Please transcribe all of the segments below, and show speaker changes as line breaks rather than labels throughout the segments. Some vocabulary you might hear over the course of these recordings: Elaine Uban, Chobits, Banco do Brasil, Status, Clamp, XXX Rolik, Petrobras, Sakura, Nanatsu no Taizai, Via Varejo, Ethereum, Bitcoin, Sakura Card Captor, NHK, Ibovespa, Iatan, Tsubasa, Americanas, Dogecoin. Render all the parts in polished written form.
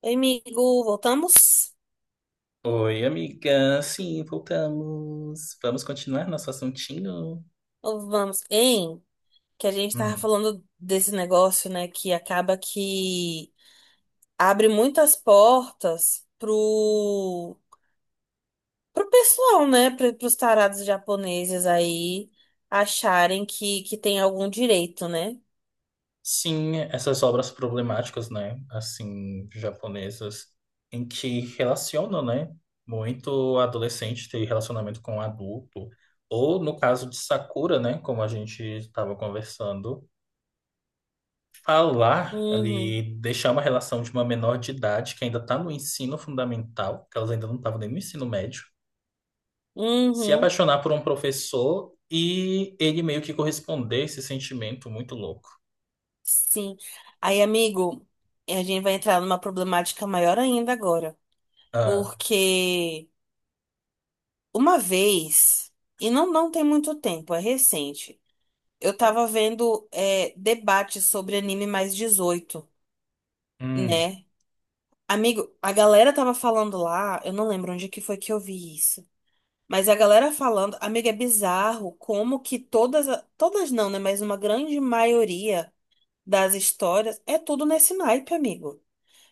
Oi, amigo, voltamos?
Oi, amiga. Sim, voltamos. Vamos continuar nosso assuntinho?
Ou vamos? Hein? Que a gente tava
Hum.
falando desse negócio, né? Que acaba que abre muitas portas pro pessoal, né? Pros tarados japoneses aí acharem que tem algum direito, né?
Sim, essas obras problemáticas, né? Assim, japonesas, em que relacionam, né? Muito adolescente ter relacionamento com adulto. Ou, no caso de Sakura, né? Como a gente estava conversando, falar
Uhum,
ali, deixar uma relação de uma menor de idade que ainda está no ensino fundamental, que elas ainda não estavam nem no ensino médio. Se
uhum,
apaixonar por um professor e ele meio que corresponder a esse sentimento muito louco.
sim. Aí, amigo, a gente vai entrar numa problemática maior ainda agora.
Ah.
Porque uma vez, e não tem muito tempo, é recente. Eu tava vendo debate sobre anime mais 18,
Hum.
né? Amigo, a galera tava falando lá, eu não lembro onde que foi que eu vi isso. Mas a galera falando, amigo, é bizarro como que todas, todas não, né? Mas uma grande maioria das histórias é tudo nesse naipe, amigo.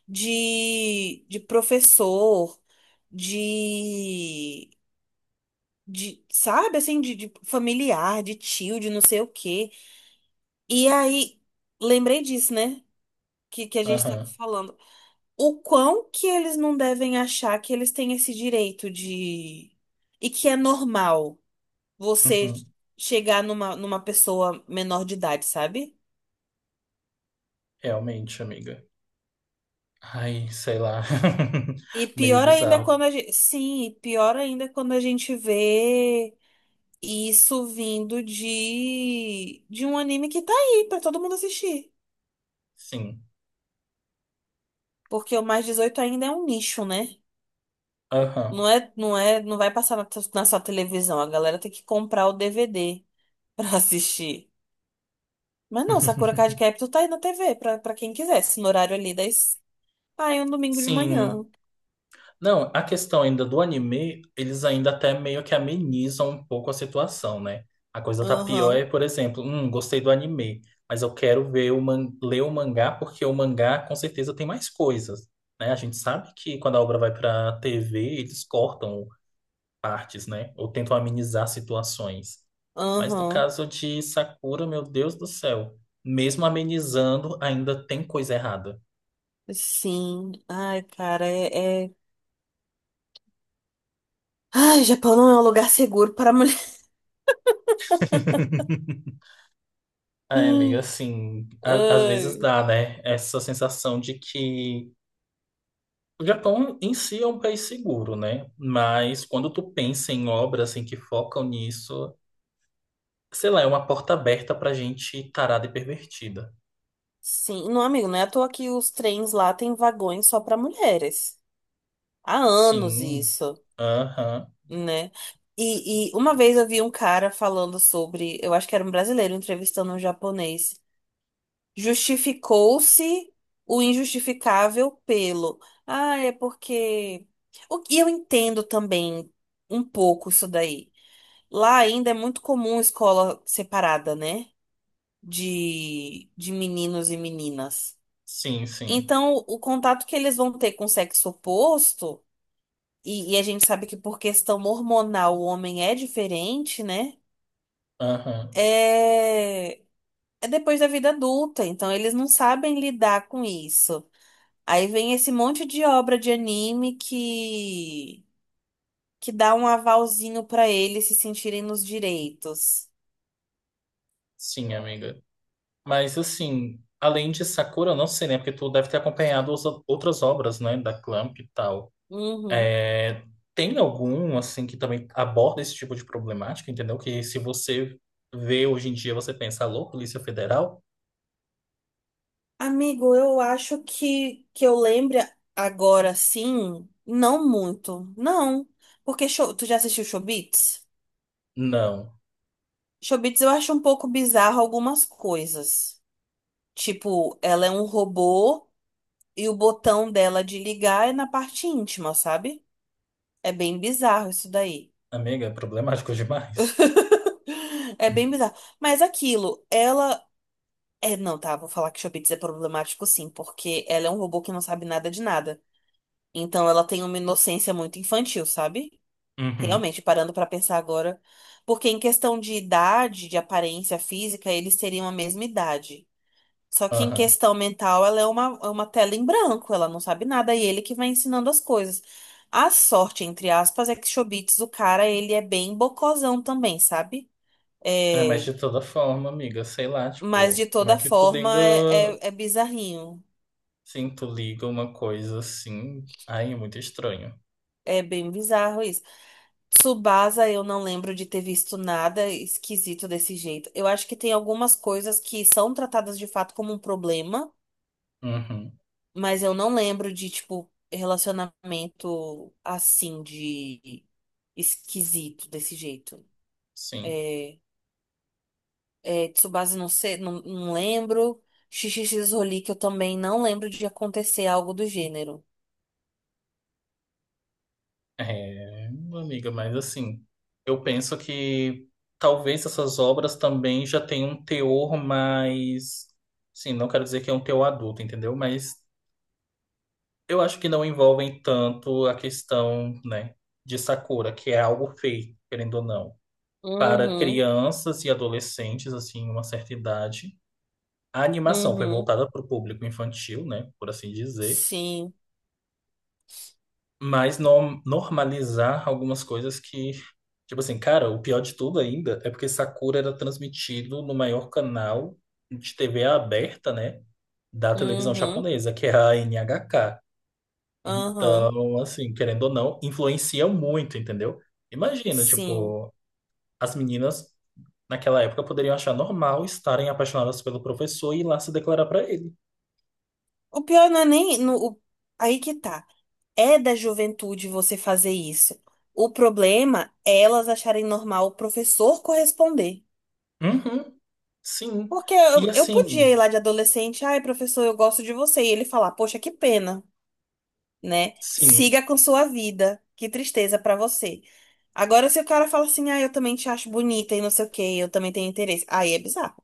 De professor, de, sabe, assim, de familiar, de tio, de não sei o quê. E aí, lembrei disso, né? Que a gente estava
Aham.
falando. O quão que eles não devem achar que eles têm esse direito de. E que é normal você
Uhum.
chegar numa, numa pessoa menor de idade, sabe?
Realmente, amiga. Ai, sei lá.
E
Meio
pior ainda é
bizarro.
quando a gente. Sim, e pior ainda é quando a gente vê isso vindo de um anime que tá aí pra todo mundo assistir.
Sim.
Porque o mais 18 ainda é um nicho, né?
Aham.
Não vai passar na sua televisão. A galera tem que comprar o DVD pra assistir. Mas não, Sakura Card Captor tá aí na TV pra, pra quem quisesse, no horário ali das. Ai, um domingo de manhã.
Sim. Não, a questão ainda do anime, eles ainda até meio que amenizam um pouco a situação, né? A coisa tá pior
Aham,
é, por exemplo, gostei do anime, mas eu quero ver o man ler o mangá porque o mangá com certeza tem mais coisas, né? A gente sabe que quando a obra vai pra TV, eles cortam partes, né? Ou tentam amenizar situações. Mas no
aham.
caso de Sakura, meu Deus do céu, mesmo amenizando, ainda tem coisa errada.
Sim. Ai, cara, ai, Japão não é um lugar seguro para mulher.
Ai, amiga, assim, às vezes
Ai.
dá, né? Essa sensação de que o Japão em si é um país seguro, né? Mas quando tu pensa em obras assim que focam nisso, sei lá, é uma porta aberta pra gente tarada e pervertida.
Sim, não, amigo, não é à toa que os trens lá têm vagões só para mulheres. Há anos
Sim.
isso,
Aham.
né? E uma vez eu vi um cara falando sobre. Eu acho que era um brasileiro entrevistando um japonês. Justificou-se o injustificável pelo. Ah, é porque. O que eu entendo também um pouco isso daí. Lá ainda é muito comum escola separada, né? De meninos e meninas.
Sim, sim.
Então, o contato que eles vão ter com o sexo oposto, e a gente sabe que por questão hormonal o homem é diferente, né?
Aham.
É, é depois da vida adulta. Então, eles não sabem lidar com isso. Aí vem esse monte de obra de anime que dá um avalzinho pra eles se sentirem nos direitos.
Sim, amiga. Mas assim, além de Sakura, eu não sei, né? Porque tu deve ter acompanhado outras obras, né? Da Clamp e tal.
Uhum.
É, tem algum, assim, que também aborda esse tipo de problemática, entendeu? Que se você vê hoje em dia, você pensa, alô, Polícia Federal?
Amigo, eu acho que eu lembre agora sim, não muito. Não, porque tu já assistiu Chobits?
Não.
Chobits, eu acho um pouco bizarro algumas coisas. Tipo, ela é um robô e o botão dela de ligar é na parte íntima, sabe? É bem bizarro isso daí.
Amiga, é problemático demais.
É bem bizarro. Mas aquilo, ela. É, não, tá, vou falar que Chobits é problemático sim, porque ela é um robô que não sabe nada de nada. Então ela tem uma inocência muito infantil, sabe?
Uhum.
Realmente, parando pra pensar agora. Porque em questão de idade, de aparência física, eles teriam a mesma idade. Só que em
Aham.
questão mental, ela é é uma tela em branco, ela não sabe nada, e ele que vai ensinando as coisas. A sorte, entre aspas, é que Chobits, o cara, ele é bem bocozão também, sabe?
É, mas
É,
de toda forma, amiga, sei lá,
mas de
tipo, como é
toda
que tu liga,
forma é, é bizarrinho.
sim, tu liga uma coisa assim, aí é muito estranho.
É bem bizarro isso. Tsubasa, eu não lembro de ter visto nada esquisito desse jeito. Eu acho que tem algumas coisas que são tratadas de fato como um problema,
Uhum.
mas eu não lembro de, tipo, relacionamento assim, de esquisito desse jeito.
Sim.
É, é, Tsubasa, não sei, não lembro. XXX Rolik, eu também não lembro de acontecer algo do gênero.
É, amiga, mas assim, eu penso que talvez essas obras também já tenham um teor mais. Sim, não quero dizer que é um teor adulto, entendeu? Mas eu acho que não envolvem tanto a questão, né, de Sakura, que é algo feito, querendo ou não, para
Uhum,
crianças e adolescentes, assim, uma certa idade. A animação foi
uhum.
voltada para o público infantil, né, por assim dizer.
Sim.
Mas normalizar algumas coisas que, tipo assim, cara, o pior de tudo ainda é porque Sakura era transmitido no maior canal de TV aberta, né, da televisão
Uhum.
japonesa, que é a NHK.
Aham.
Então, assim, querendo ou não, influencia muito, entendeu? Imagina,
Sim.
tipo, as meninas naquela época poderiam achar normal estarem apaixonadas pelo professor e ir lá se declarar pra ele.
O pior não é nem. No, o- aí que tá. É da juventude você fazer isso. O problema é elas acharem normal o professor corresponder.
Uhum. Sim.
Porque
E
eu podia
assim,
ir lá de adolescente, ai, professor, eu gosto de você. E ele falar, poxa, que pena, né?
sim.
Siga com sua vida. Que tristeza pra você. Agora, se o cara fala assim, ah, eu também te acho bonita e não sei o quê, eu também tenho interesse. Aí é bizarro.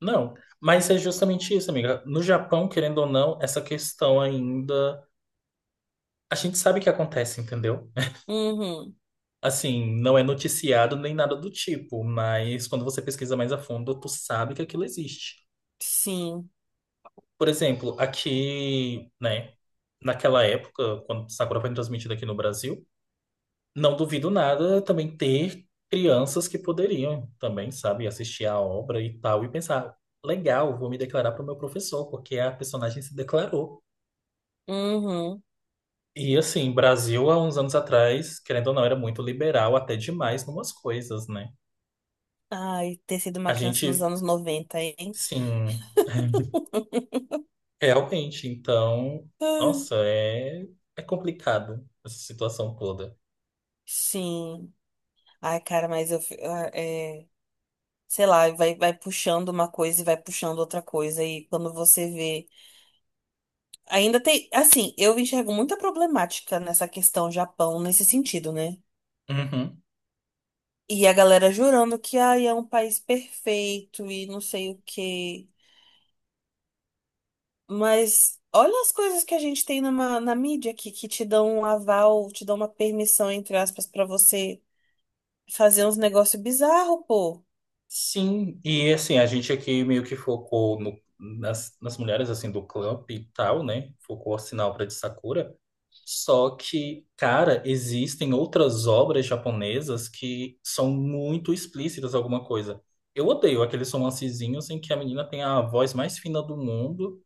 Não, mas é justamente isso, amiga. No Japão, querendo ou não, essa questão ainda. A gente sabe que acontece, entendeu?
Uhum.
Assim, não é noticiado nem nada do tipo, mas quando você pesquisa mais a fundo, tu sabe que aquilo existe.
Sim.
Por exemplo, aqui, né, naquela época, quando Sakura foi transmitida aqui no Brasil, não duvido nada também ter crianças que poderiam também, sabe, assistir a obra e tal, e pensar, legal, vou me declarar para o meu professor, porque a personagem se declarou.
Uhum.
E assim, Brasil há uns anos atrás, querendo ou não, era muito liberal, até demais numas coisas, né?
Ai, ter sido uma
A
criança nos
gente,
anos 90, hein?
sim, realmente, então,
Ai,
nossa, é, é complicado essa situação toda.
sim. Ai, cara, mas eu. Fi- ah, É, sei lá, vai, vai puxando uma coisa e vai puxando outra coisa. E quando você vê. Ainda tem. Assim, eu enxergo muita problemática nessa questão Japão, nesse sentido, né?
Uhum.
E a galera jurando que ai, é um país perfeito e não sei o quê. Mas olha as coisas que a gente tem na mídia aqui, que te dão um aval, te dão uma permissão, entre aspas, pra você fazer uns negócios bizarros, pô.
Sim, e assim, a gente aqui meio que focou nas mulheres, assim, do clube e tal, né? Focou, o sinal, pra de Sakura. Só que, cara, existem outras obras japonesas que são muito explícitas alguma coisa. Eu odeio aqueles romancezinhos em que a menina tem a voz mais fina do mundo.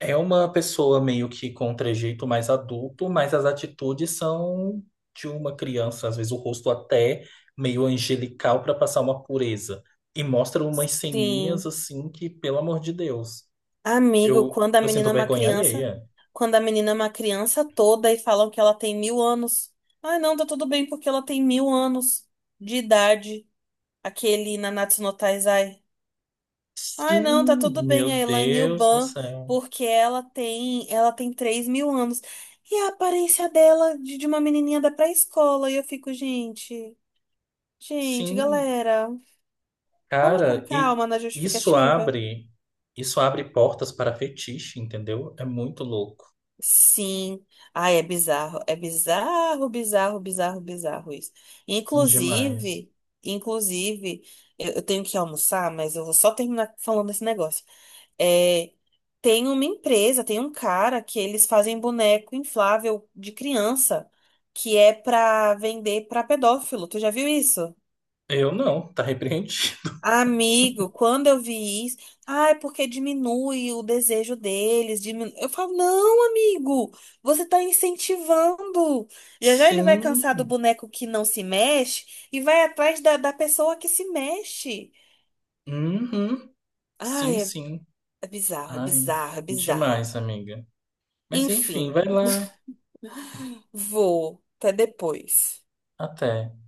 É uma pessoa meio que com um trejeito mais adulto, mas as atitudes são de uma criança, às vezes o rosto até meio angelical para passar uma pureza. E mostra umas ceninhas
Sim.
assim que, pelo amor de Deus,
Amigo,
eu,
quando a
eu sinto
menina é uma
vergonha
criança,
alheia.
quando a menina é uma criança toda e falam que ela tem 1.000 anos. Ai, não, tá tudo bem porque ela tem mil anos de idade. Aquele Nanatsu no Taizai. Ai, não, tá
Sim,
tudo
meu
bem a Elaine
Deus do
Uban,
céu.
porque ela tem 3.000 anos. E a aparência dela de uma menininha da pré-escola. E eu fico, gente, gente,
Sim,
galera, vamos com
cara, e
calma na
isso
justificativa?
abre, isso abre portas para fetiche, entendeu? É muito louco,
Sim. Ai, é bizarro. É bizarro, bizarro, bizarro, bizarro isso.
demais.
Inclusive, inclusive, eu tenho que almoçar, mas eu vou só terminar falando esse negócio. É, tem uma empresa, tem um cara que eles fazem boneco inflável de criança, que é pra vender pra pedófilo. Tu já viu isso?
Eu não, tá repreendido.
Amigo, quando eu vi isso, ah, é porque diminui o desejo deles. Diminui... Eu falo, não, amigo, você tá incentivando. Já já ele vai
Sim.
cansar do boneco que não se mexe e vai atrás da pessoa que se mexe.
Uhum.
Ai,
Sim,
é,
sim.
é bizarro, é
Ai,
bizarro, é
demais,
bizarro.
amiga. Mas enfim,
Enfim,
vai lá,
vou. Até depois.
até.